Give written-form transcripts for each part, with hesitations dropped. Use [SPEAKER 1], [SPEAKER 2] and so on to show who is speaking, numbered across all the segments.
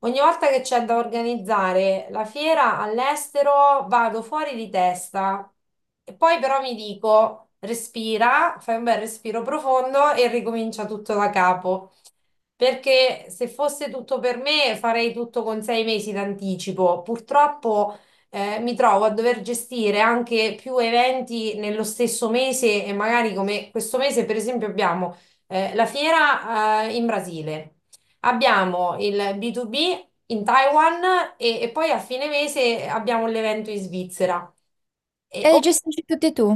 [SPEAKER 1] Ogni volta che c'è da organizzare la fiera all'estero vado fuori di testa e poi però mi dico respira, fai un bel respiro profondo e ricomincia tutto da capo. Perché se fosse tutto per me farei tutto con 6 mesi d'anticipo. Purtroppo mi trovo a dover gestire anche più eventi nello stesso mese e magari come questo mese, per esempio, abbiamo la fiera in Brasile, abbiamo il B2B in Taiwan e poi a fine mese abbiamo l'evento in Svizzera. E.
[SPEAKER 2] E li gestisci tutti tu?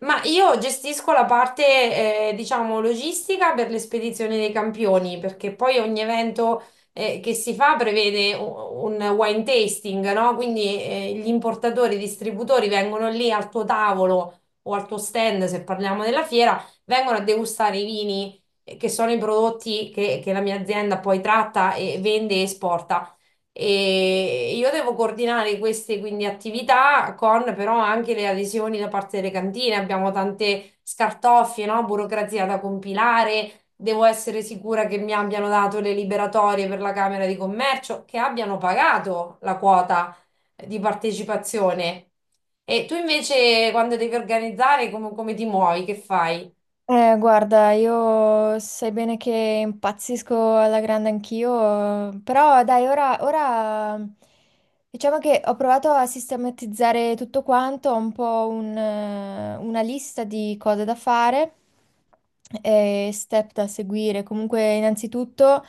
[SPEAKER 1] Ma io gestisco la parte, diciamo, logistica per le spedizioni dei campioni, perché poi ogni evento, che si fa prevede un wine tasting, no? Quindi, gli importatori, i distributori vengono lì al tuo tavolo o al tuo stand, se parliamo della fiera, vengono a degustare i vini, che sono i prodotti che la mia azienda poi tratta e vende e esporta e io devo coordinare queste quindi attività con però anche le adesioni da parte delle cantine. Abbiamo tante scartoffie, no? Burocrazia da compilare. Devo essere sicura che mi abbiano dato le liberatorie per la Camera di Commercio, che abbiano pagato la quota di partecipazione. E tu invece quando devi organizzare come ti muovi? Che fai?
[SPEAKER 2] Guarda, io sai bene che impazzisco alla grande anch'io, però dai, ora diciamo che ho provato a sistematizzare tutto quanto, ho un po' una lista di cose da fare e step da seguire. Comunque, innanzitutto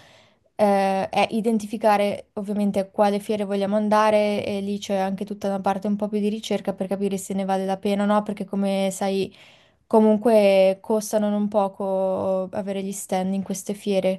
[SPEAKER 2] eh, è identificare ovviamente a quale fiere vogliamo andare e lì c'è anche tutta una parte un po' più di ricerca per capire se ne vale la pena o no, perché come sai... Comunque costano non poco avere gli stand in queste fiere.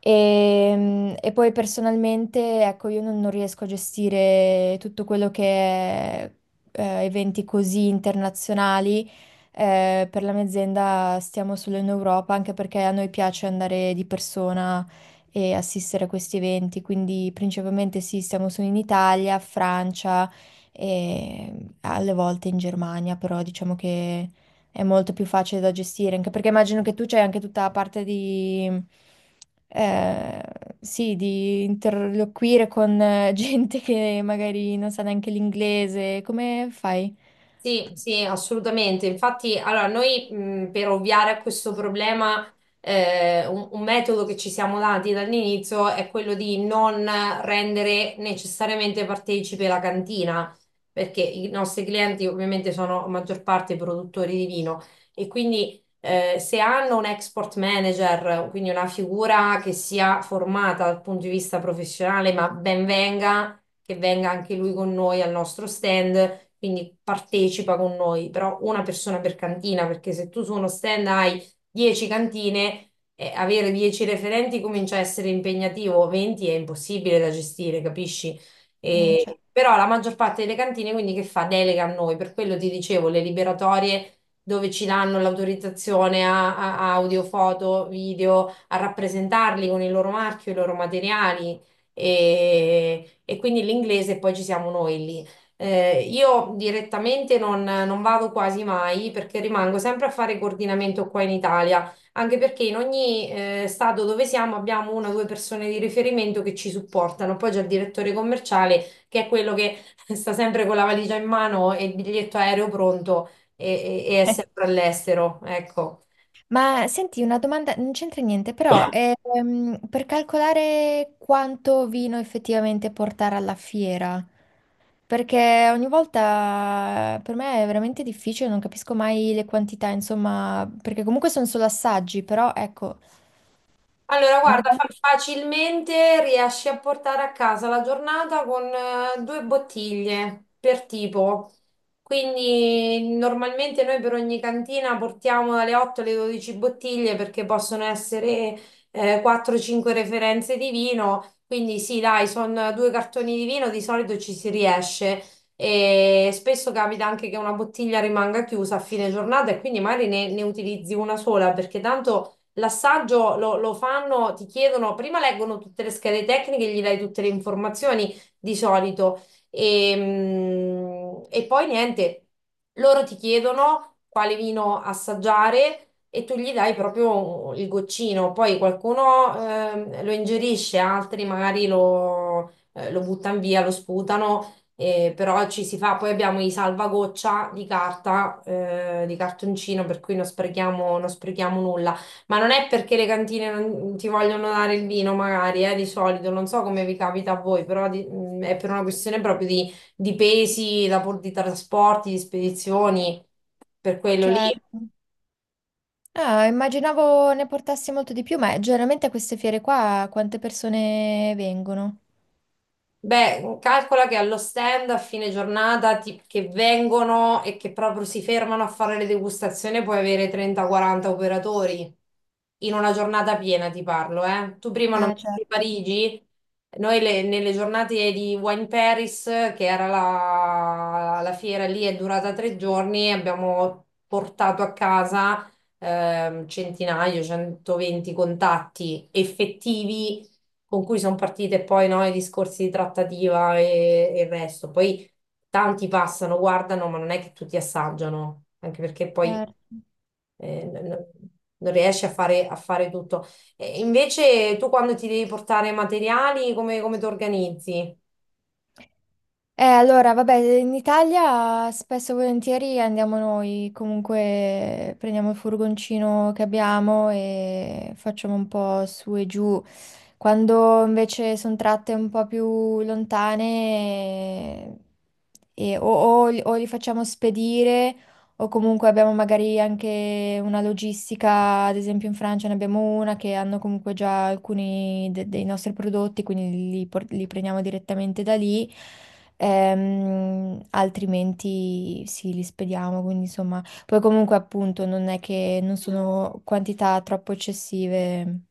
[SPEAKER 2] E, poi personalmente, ecco, io non riesco a gestire tutto quello che è eventi così internazionali. Per la mia azienda stiamo solo in Europa, anche perché a noi piace andare di persona e assistere a questi eventi. Quindi principalmente sì, stiamo solo in Italia, Francia e alle volte in Germania, però diciamo che è molto più facile da gestire, anche perché immagino che tu c'hai anche tutta la parte di, eh, sì, di interloquire con gente che magari non sa neanche l'inglese. Come fai?
[SPEAKER 1] Sì, sì, assolutamente. Infatti, allora, noi per ovviare a questo problema, un metodo che ci siamo dati dall'inizio è quello di non rendere necessariamente partecipe la cantina, perché i nostri clienti ovviamente sono a maggior parte produttori di vino e quindi se hanno un export manager, quindi una figura che sia formata dal punto di vista professionale, ma ben venga che venga anche lui con noi al nostro stand, quindi partecipa con noi, però una persona per cantina, perché se tu su uno stand hai 10 cantine, avere 10 referenti comincia a essere impegnativo, 20 è impossibile da gestire, capisci?
[SPEAKER 2] Cioè.
[SPEAKER 1] Però la maggior parte delle cantine quindi che fa? Delega a noi, per quello ti dicevo, le liberatorie dove ci danno l'autorizzazione a audio, foto, video, a rappresentarli con il loro marchio, i loro materiali. E e quindi l'inglese poi ci siamo noi lì. Io direttamente non vado quasi mai perché rimango sempre a fare coordinamento qua in Italia, anche perché in ogni stato dove siamo abbiamo una o due persone di riferimento che ci supportano. Poi c'è il direttore commerciale che è quello che sta sempre con la valigia in mano e il biglietto aereo pronto e è sempre all'estero, ecco.
[SPEAKER 2] Ma senti, una domanda, non c'entra niente, però per calcolare quanto vino effettivamente portare alla fiera, perché ogni volta per me è veramente difficile, non capisco mai le quantità, insomma, perché comunque sono solo assaggi, però ecco,
[SPEAKER 1] Allora, guarda,
[SPEAKER 2] non-
[SPEAKER 1] facilmente riesci a portare a casa la giornata con due bottiglie per tipo. Quindi normalmente noi per ogni cantina portiamo dalle 8 alle 12 bottiglie perché possono essere 4-5 referenze di vino. Quindi sì, dai, sono due cartoni di vino, di solito ci si riesce. E spesso capita anche che una bottiglia rimanga chiusa a fine giornata e quindi magari ne utilizzi una sola perché tanto l'assaggio lo fanno, ti chiedono, prima leggono tutte le schede tecniche, gli dai tutte le informazioni di solito e poi niente. Loro ti chiedono quale vino assaggiare e tu gli dai proprio il goccino, poi qualcuno lo ingerisce, altri magari lo buttano via, lo sputano. Però ci si fa, poi abbiamo i salvagoccia di carta, di cartoncino, per cui non sprechiamo, non sprechiamo nulla. Ma non è perché le cantine non ti vogliono dare il vino, magari, di solito, non so come vi capita a voi, però è per una questione proprio di, pesi, di trasporti, di spedizioni, per quello lì.
[SPEAKER 2] certo. Ah, immaginavo ne portassi molto di più, ma generalmente a queste fiere qua quante persone vengono?
[SPEAKER 1] Beh, calcola che allo stand a fine giornata che vengono e che proprio si fermano a fare le degustazioni puoi avere 30-40 operatori in una giornata piena, ti parlo, eh. Tu prima non
[SPEAKER 2] Ah,
[SPEAKER 1] di
[SPEAKER 2] certo,
[SPEAKER 1] Parigi. Noi nelle giornate di Wine Paris, che era la fiera lì, è durata 3 giorni, abbiamo portato a casa centinaio, 120 contatti effettivi con cui sono partite poi no, i discorsi di trattativa e il resto. Poi tanti passano, guardano, ma non è che tutti assaggiano, anche perché poi
[SPEAKER 2] certo.
[SPEAKER 1] eh, n- n- non riesci a fare tutto. E invece tu quando ti devi portare materiali, come ti organizzi?
[SPEAKER 2] Allora, vabbè, in Italia spesso e volentieri andiamo noi, comunque prendiamo il furgoncino che abbiamo e facciamo un po' su e giù. Quando invece sono tratte un po' più lontane, o, o li facciamo spedire o comunque abbiamo magari anche una logistica, ad esempio in Francia ne abbiamo una che hanno comunque già alcuni dei nostri prodotti, quindi li prendiamo direttamente da lì. Altrimenti sì, li spediamo, quindi insomma, poi comunque appunto non è che non sono quantità troppo eccessive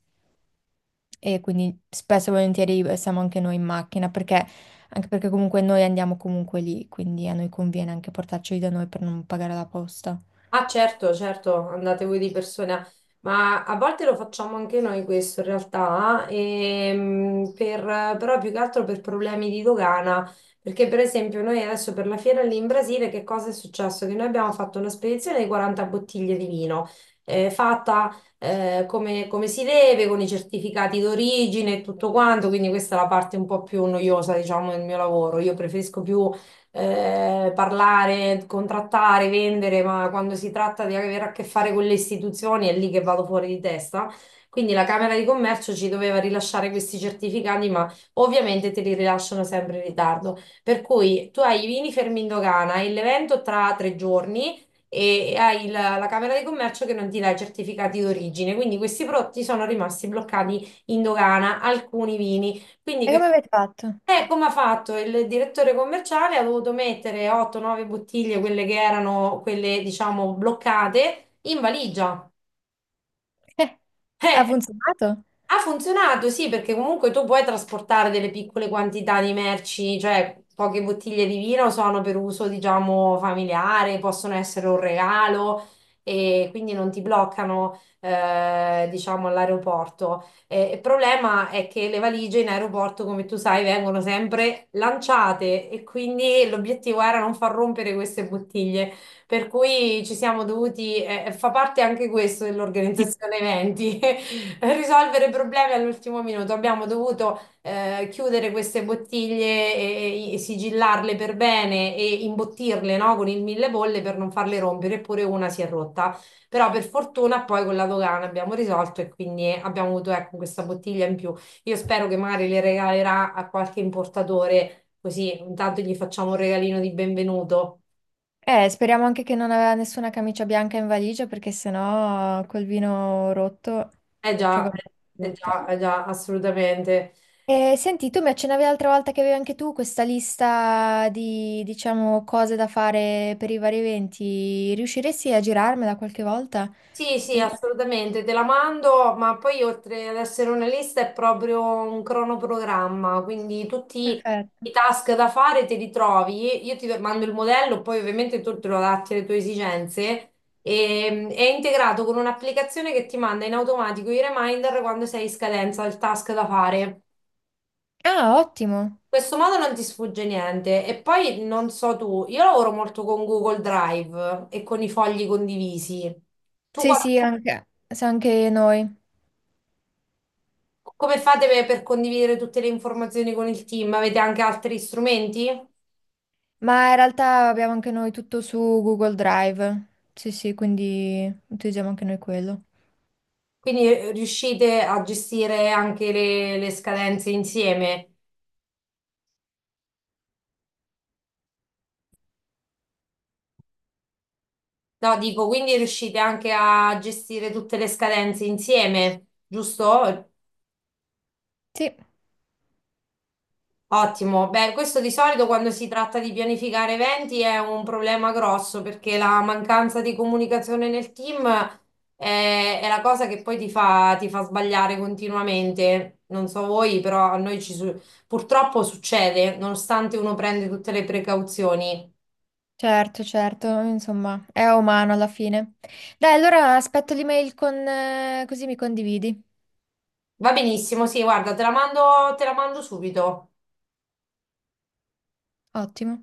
[SPEAKER 2] e quindi spesso e volentieri siamo anche noi in macchina perché, anche perché comunque noi andiamo comunque lì, quindi a noi conviene anche portarceli da noi per non pagare la posta.
[SPEAKER 1] Ah, certo, certo, andate voi di persona, ma a volte lo facciamo anche noi questo in realtà, però più che altro per problemi di dogana, perché per esempio noi adesso per la fiera lì in Brasile che cosa è successo? Che noi abbiamo fatto una spedizione di 40 bottiglie di vino, fatta come si deve, con i certificati d'origine e tutto quanto, quindi questa è la parte un po' più noiosa, diciamo, del mio lavoro. Io preferisco più parlare, contrattare, vendere, ma quando si tratta di avere a che fare con le istituzioni è lì che vado fuori di testa. Quindi la Camera di Commercio ci doveva rilasciare questi certificati, ma ovviamente te li rilasciano sempre in ritardo. Per cui tu hai i vini fermi in dogana e l'evento tra 3 giorni e hai la Camera di Commercio che non ti dà i certificati d'origine. Quindi questi prodotti sono rimasti bloccati in dogana, alcuni vini. Quindi
[SPEAKER 2] E
[SPEAKER 1] che.
[SPEAKER 2] come avete fatto?
[SPEAKER 1] Come ha fatto il direttore commerciale? Ha dovuto mettere 8-9 bottiglie, quelle che erano quelle, diciamo, bloccate, in valigia.
[SPEAKER 2] Eh, ha
[SPEAKER 1] Eh,
[SPEAKER 2] funzionato?
[SPEAKER 1] ha funzionato, sì, perché comunque tu puoi trasportare delle piccole quantità di merci, cioè poche bottiglie di vino sono per uso, diciamo, familiare, possono essere un regalo e quindi non ti bloccano, diciamo, all'aeroporto. Il problema è che le valigie in aeroporto, come tu sai, vengono sempre lanciate e quindi l'obiettivo era non far rompere queste bottiglie, per cui ci siamo dovuti, fa parte anche questo dell'organizzazione eventi. Per risolvere problemi all'ultimo minuto. Abbiamo dovuto chiudere queste bottiglie e sigillarle per bene e imbottirle, no, con il mille bolle per non farle rompere, eppure una si è rotta. Però per fortuna poi con la dogana abbiamo risolto e quindi abbiamo avuto ecco, questa bottiglia in più. Io spero che magari le regalerà a qualche importatore, così intanto gli facciamo un regalino di benvenuto.
[SPEAKER 2] Speriamo anche che non aveva nessuna camicia bianca in valigia perché sennò col vino rotto,
[SPEAKER 1] Eh
[SPEAKER 2] cioè
[SPEAKER 1] già,
[SPEAKER 2] con la
[SPEAKER 1] eh
[SPEAKER 2] rotta.
[SPEAKER 1] già, eh già, assolutamente.
[SPEAKER 2] Senti, tu mi accennavi l'altra volta che avevi anche tu questa lista di, diciamo, cose da fare per i vari eventi. Riusciresti a girarmela qualche volta?
[SPEAKER 1] Sì, sì,
[SPEAKER 2] Mi pare
[SPEAKER 1] assolutamente, te la mando, ma poi oltre ad essere una lista è proprio un cronoprogramma, quindi tutti i
[SPEAKER 2] perfetto.
[SPEAKER 1] task da fare te li trovi, io ti mando il modello, poi ovviamente tu te lo adatti alle tue esigenze e è integrato con un'applicazione che ti manda in automatico i reminder quando sei in scadenza il task da fare.
[SPEAKER 2] Ah, ottimo.
[SPEAKER 1] In questo modo non ti sfugge niente e poi non so tu, io lavoro molto con Google Drive e con i fogli condivisi. Tu
[SPEAKER 2] Sì,
[SPEAKER 1] qua.
[SPEAKER 2] sì, anche noi.
[SPEAKER 1] Come fate per condividere tutte le informazioni con il team? Avete anche altri strumenti?
[SPEAKER 2] Ma in realtà abbiamo anche noi tutto su Google Drive. Sì, sì, quindi utilizziamo anche noi quello.
[SPEAKER 1] Quindi riuscite a gestire anche le scadenze insieme? No, dico, quindi riuscite anche a gestire tutte le scadenze insieme, giusto?
[SPEAKER 2] Sì,
[SPEAKER 1] Ottimo, beh, questo di solito quando si tratta di pianificare eventi è un problema grosso perché la mancanza di comunicazione nel team è la cosa che poi ti fa, sbagliare continuamente. Non so voi, però a noi ci purtroppo succede, nonostante uno prende tutte le precauzioni.
[SPEAKER 2] certo, certo, insomma, è umano alla fine. Dai, allora aspetto l'email con, così mi condividi.
[SPEAKER 1] Va benissimo, sì, guarda, te la mando subito.
[SPEAKER 2] Ottimo.